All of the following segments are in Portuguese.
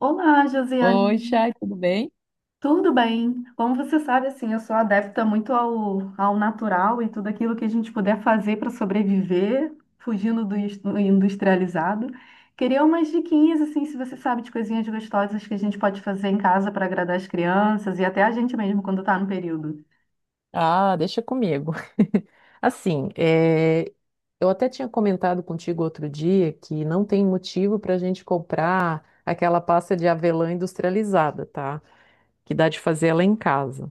Olá, Oi, Josiane. Chay, tudo bem? Tudo bem? Como você sabe, assim, eu sou adepta muito ao natural e tudo aquilo que a gente puder fazer para sobreviver, fugindo do industrializado. Queria umas diquinhas, assim, se você sabe de coisinhas gostosas que a gente pode fazer em casa para agradar as crianças e até a gente mesmo quando está no período. Ah, deixa comigo. Assim, é, eu até tinha comentado contigo outro dia que não tem motivo para a gente comprar aquela pasta de avelã industrializada, tá? Que dá de fazer ela em casa.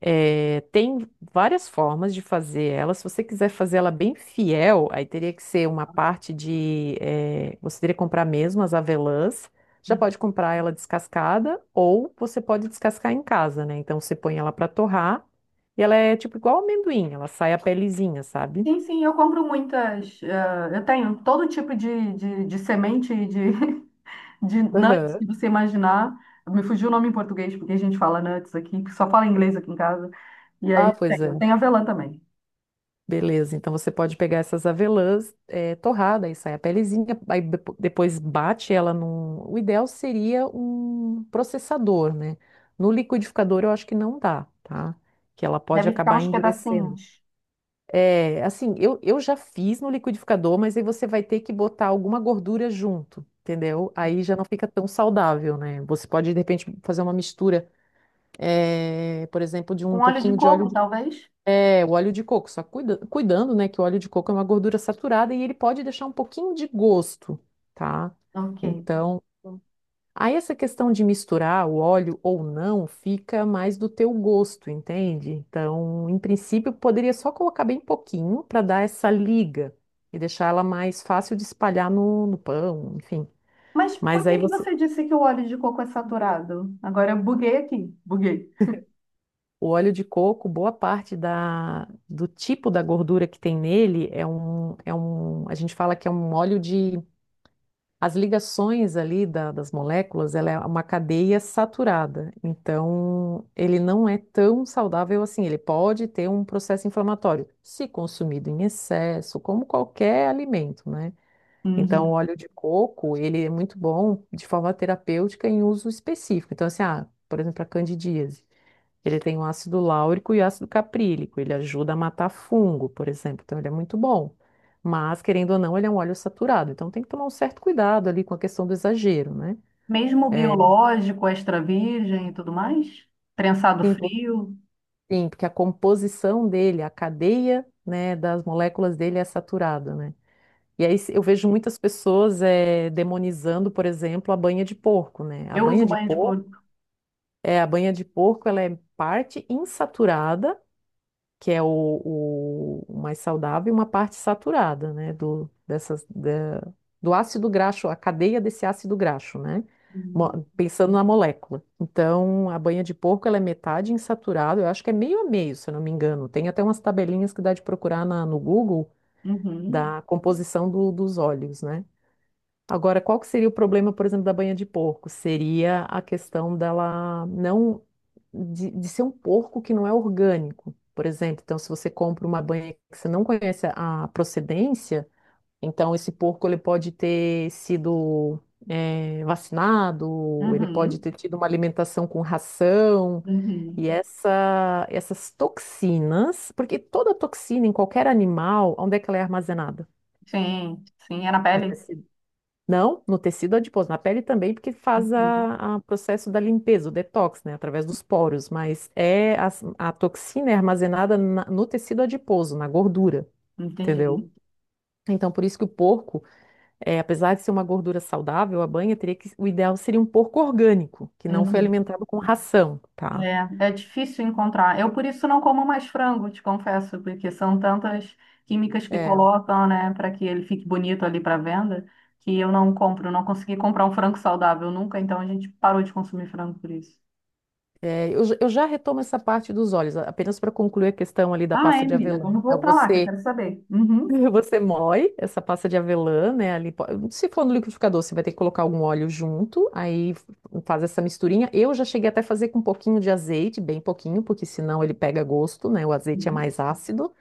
É, tem várias formas de fazer ela. Se você quiser fazer ela bem fiel, aí teria que ser uma parte de. Você teria que comprar mesmo as avelãs. Já pode comprar ela descascada ou você pode descascar em casa, né? Então você põe ela para torrar e ela é tipo igual amendoim, ela sai a pelezinha, sabe? Sim, sim, eu compro muitas. Eu tenho todo tipo de semente de nuts Aham. que você imaginar. Me fugiu o nome em português, porque a gente fala nuts aqui, que só fala inglês aqui em casa. E aí Ah, pois é. tem, tem avelã também. Beleza, então você pode pegar essas avelãs torrada, aí sai a pelezinha, aí depois bate ela num. O ideal seria um processador, né? No liquidificador eu acho que não dá, tá? Que ela pode Deve ficar acabar uns endurecendo. pedacinhos. Eu já fiz no liquidificador, mas aí você vai ter que botar alguma gordura junto, entendeu? Aí já não fica tão saudável, né? Você pode, de repente, fazer uma mistura, por exemplo, de Um um óleo de pouquinho de óleo coco, de talvez? é, o óleo de coco, só cuidando, né, que o óleo de coco é uma gordura saturada e ele pode deixar um pouquinho de gosto, tá? Ok. Então, aí essa questão de misturar o óleo ou não fica mais do teu gosto, entende? Então, em princípio, poderia só colocar bem pouquinho para dar essa liga e deixar ela mais fácil de espalhar no pão, enfim. Mas por Mas aí que que você, você disse que o óleo de coco é saturado? Agora eu buguei aqui, buguei. o óleo de coco, boa parte do tipo da gordura que tem nele é a gente fala que é um óleo de... As ligações ali das moléculas, ela é uma cadeia saturada. Então, ele não é tão saudável assim. Ele pode ter um processo inflamatório, se consumido em excesso, como qualquer alimento, né? Então, o Uhum. óleo de coco, ele é muito bom de forma terapêutica em uso específico. Então, assim, ah, por exemplo, a candidíase. Ele tem o ácido láurico e o ácido caprílico. Ele ajuda a matar fungo, por exemplo. Então, ele é muito bom. Mas, querendo ou não, ele é um óleo saturado. Então, tem que tomar um certo cuidado ali com a questão do exagero, né? Mesmo o É, biológico, extra virgem e tudo mais? Prensado sim, por- frio? sim, porque a composição dele, a cadeia, né, das moléculas dele é saturada, né? E aí eu vejo muitas pessoas demonizando, por exemplo, a banha de porco, né? A Eu banha uso de banho de porco, couro. é, a banha de porco, ela é parte insaturada, que é o mais saudável, e uma parte saturada, né, do ácido graxo, a cadeia desse ácido graxo, né, Uhum. Pensando na molécula. Então, a banha de porco, ela é metade insaturada, eu acho que é meio a meio, se eu não me engano. Tem até umas tabelinhas que dá de procurar no Google Uhum. da composição dos óleos, né. Agora, qual que seria o problema, por exemplo, da banha de porco? Seria a questão dela não de, de ser um porco que não é orgânico, por exemplo. Então, se você compra uma banha que você não conhece a procedência, então esse porco ele pode ter sido vacinado, ele pode Uhum. ter tido uma alimentação com ração. E Uhum. Essas toxinas, porque toda toxina em qualquer animal, onde é que ela é armazenada? Sim, sim, é na No pele. tecido... não, no tecido adiposo, na pele também, porque faz Uhum. A processo da limpeza, o detox, né, através dos poros, mas é a toxina é armazenada no tecido adiposo, na gordura, entendeu? Entendi. Então, por isso que o porco, apesar de ser uma gordura saudável, a banha teria que, o ideal seria um porco orgânico, que não foi Uhum. alimentado com ração, tá? É, é difícil encontrar. Eu, por isso, não como mais frango, te confesso, porque são tantas químicas que É, colocam, né, para que ele fique bonito ali para venda, que eu não compro, não consegui comprar um frango saudável nunca, então a gente parou de consumir frango por isso. Eu já retomo essa parte dos olhos, apenas para concluir a questão ali da Ah, pasta é, de menina, avelã. vamos Então, voltar lá, que eu você... quero saber. Uhum. Você moe essa pasta de avelã, né? Ali, se for no liquidificador, você vai ter que colocar algum óleo junto, aí faz essa misturinha. Eu já cheguei até a fazer com um pouquinho de azeite, bem pouquinho, porque senão ele pega gosto, né? O azeite é Uhum. mais ácido.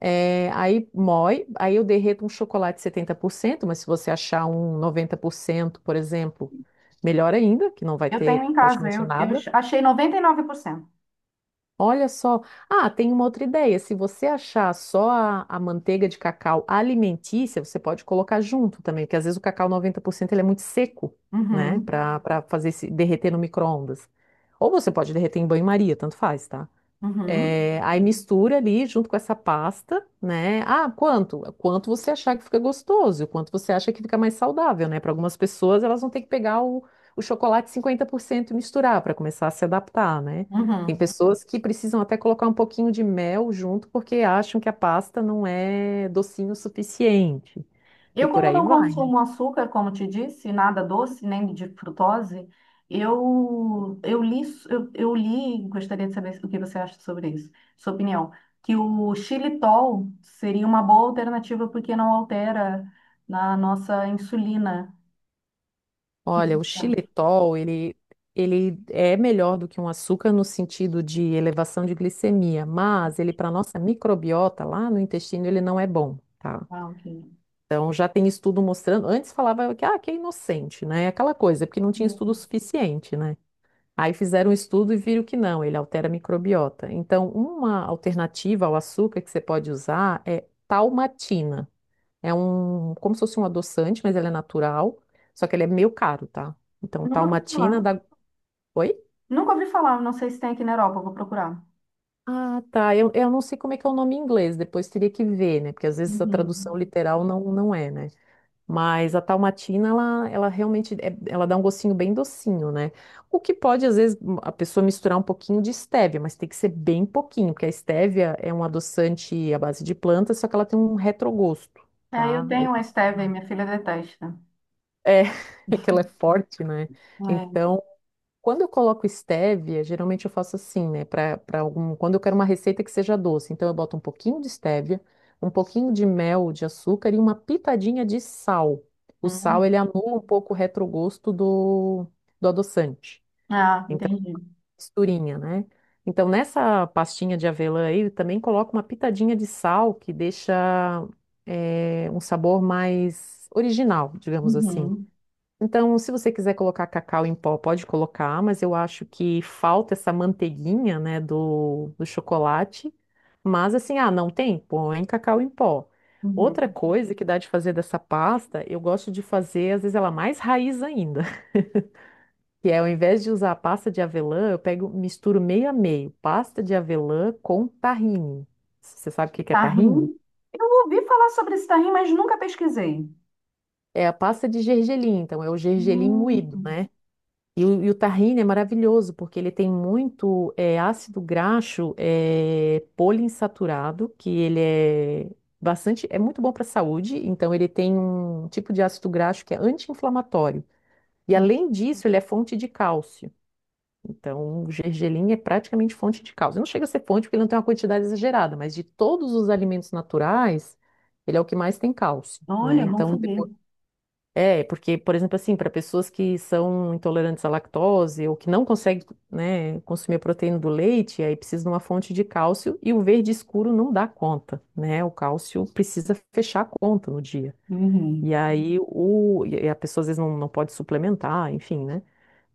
É, aí moe, aí eu derreto um chocolate 70%, mas se você achar um 90%, por exemplo, melhor ainda, que não vai Eu tenho ter em casa, praticamente eu nada. achei 99%. Olha só. Ah, tem uma outra ideia. Se você achar só a manteiga de cacau alimentícia, você pode colocar junto também, porque às vezes o cacau 90% ele é muito seco, né? Uhum. Para fazer se derreter no micro-ondas. Ou você pode derreter em banho-maria, tanto faz, tá? Uhum. É, aí mistura ali junto com essa pasta, né? Ah, quanto? Quanto você achar que fica gostoso, quanto você acha que fica mais saudável, né? Para algumas pessoas, elas vão ter que pegar o chocolate 50% e misturar para começar a se adaptar, né? Tem Uhum. pessoas que precisam até colocar um pouquinho de mel junto porque acham que a pasta não é docinho o suficiente. E Eu, por como aí não vai. consumo açúcar, como te disse, nada doce, nem de frutose, eu, eu li, eu li, gostaria de saber o que você acha sobre isso, sua opinião, que o xilitol seria uma boa alternativa porque não altera na nossa insulina. Que... Olha, o xilitol, ele é melhor do que um açúcar no sentido de elevação de glicemia, mas ele, para nossa microbiota lá no intestino, ele não é bom, tá? Ah, ok. Então, já tem estudo mostrando. Antes falava que, ah, que é inocente, né? Aquela coisa, porque não tinha estudo suficiente, né? Aí fizeram um estudo e viram que não, ele altera a microbiota. Então, uma alternativa ao açúcar que você pode usar é talmatina. É um, como se fosse um adoçante, mas ele é natural. Só que ele é meio caro, tá? Então, Nunca ouvi Dalmatina falar. da. Oi? Nunca ouvi falar, não sei se tem aqui na Europa, vou procurar. Ah, tá. Eu não sei como é que é o nome em inglês, depois teria que ver, né? Porque às vezes a Uhum. tradução literal não é, né? Mas a Dalmatina, ela realmente, ela dá um gostinho bem docinho, né? O que pode, às vezes, a pessoa misturar um pouquinho de estévia, mas tem que ser bem pouquinho, porque a estévia é um adoçante à base de plantas, só que ela tem um retrogosto, É, eu tá? Aí... tenho a stevia, minha filha detesta. É, é que ela é forte, né? É. Então, quando eu coloco estévia, geralmente eu faço assim, né? Quando eu quero uma receita que seja doce, então eu boto um pouquinho de estévia, um pouquinho de mel, de açúcar e uma pitadinha de sal. O sal, Hum. ele anula um pouco o retrogosto do adoçante. Ah, Então, entendi. misturinha, né? Então, nessa pastinha de avelã aí, eu também coloco uma pitadinha de sal, que deixa, um sabor mais original, digamos assim. Uhum. Então, se você quiser colocar cacau em pó, pode colocar, mas eu acho que falta essa manteiguinha, né, do chocolate. Mas assim, ah, não tem? Põe cacau em pó. Outra Uhum. coisa que dá de fazer dessa pasta, eu gosto de fazer, às vezes ela mais raiz ainda, que é ao invés de usar a pasta de avelã, eu pego, misturo meio a meio, pasta de avelã com tahine. Você sabe o que que é tahine? Tahim? Eu ouvi falar sobre esse tahim, mas nunca pesquisei. É a pasta de gergelim, então é o gergelim moído, Hum, né? E o tahine é maravilhoso, porque ele tem muito ácido graxo poliinsaturado, que ele é bastante, é muito bom para a saúde, então ele tem um tipo de ácido graxo que é anti-inflamatório. E além disso, ele é fonte de cálcio. Então, o gergelim é praticamente fonte de cálcio. Não chega a ser fonte porque ele não tem uma quantidade exagerada, mas de todos os alimentos naturais, ele é o que mais tem cálcio, né? olha, bom Então, saber. é, porque, por exemplo, assim, para pessoas que são intolerantes à lactose ou que não conseguem, né, consumir a proteína do leite, aí precisa de uma fonte de cálcio e o verde escuro não dá conta, né? O cálcio precisa fechar a conta no dia. E Uhum. aí o, e a pessoa às vezes não pode suplementar, enfim, né?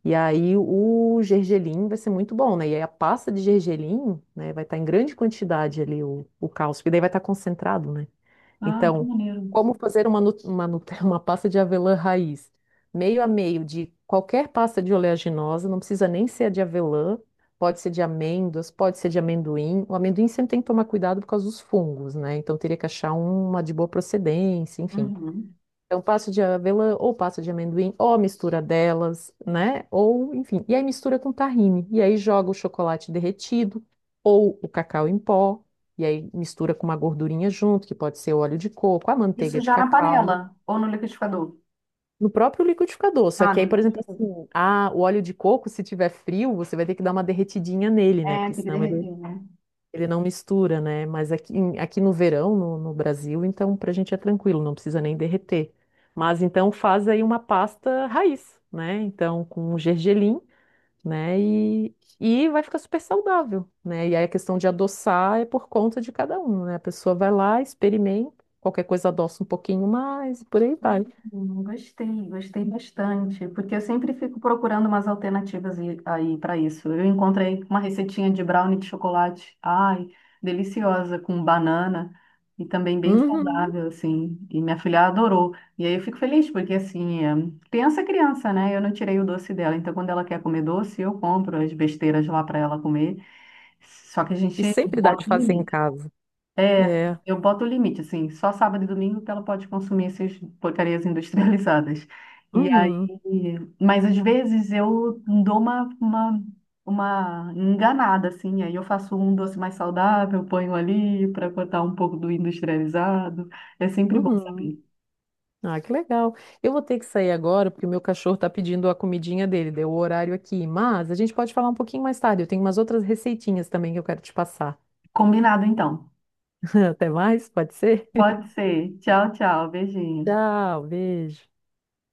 E aí o gergelim vai ser muito bom, né? E aí a pasta de gergelim, né, vai estar em grande quantidade ali o cálcio, que daí vai estar concentrado, né? Ah, que Então, maneiro. como fazer uma pasta de avelã raiz? Meio a meio de qualquer pasta de oleaginosa, não precisa nem ser a de avelã, pode ser de amêndoas, pode ser de amendoim. O amendoim sempre tem que tomar cuidado por causa dos fungos, né? Então teria que achar uma de boa procedência, enfim. Uhum. Então, passa de avelã ou passa de amendoim, ou a mistura delas, né? Ou, enfim. E aí mistura com tahine. E aí joga o chocolate derretido ou o cacau em pó. E aí mistura com uma gordurinha junto, que pode ser óleo de coco, a Isso manteiga de já na cacau. panela ou no liquidificador? No próprio liquidificador. Só Ah, que no aí, por exemplo, liquidificador. assim, ah, o óleo de coco, se tiver frio, você vai ter que dar uma derretidinha nele, né? É, Porque tem que senão derreter, né? ele não mistura, né? Mas aqui, aqui no verão, no Brasil, então pra gente é tranquilo, não precisa nem derreter. Mas então faz aí uma pasta raiz, né? Então com gergelim, né? E vai ficar super saudável, né? E aí a questão de adoçar é por conta de cada um, né? A pessoa vai lá, experimenta, qualquer coisa adoça um pouquinho mais e por aí vai. Gostei, gostei bastante, porque eu sempre fico procurando umas alternativas e- aí para isso. Eu encontrei uma receitinha de brownie de chocolate, ai, deliciosa, com banana e também bem Uhum. saudável, assim. E minha filha adorou. E aí eu fico feliz, porque assim, é criança, né? Eu não tirei o doce dela, então quando ela quer comer doce, eu compro as besteiras lá para ela comer. Só que a E gente sempre dá bota de no fazer em limite. casa. É, É. eu boto o limite, assim, só sábado e domingo que ela pode consumir essas porcarias industrializadas. E aí, Uhum. mas às vezes eu dou uma enganada, assim, aí eu faço um doce mais saudável, ponho ali para cortar um pouco do industrializado. É sempre bom Uhum. saber. Ah, que legal. Eu vou ter que sair agora porque o meu cachorro está pedindo a comidinha dele, deu o horário aqui. Mas a gente pode falar um pouquinho mais tarde. Eu tenho umas outras receitinhas também que eu quero te passar. Combinado, então. Até mais, pode ser? Pode ser. Tchau, tchau. Beijinho. Tchau, beijo.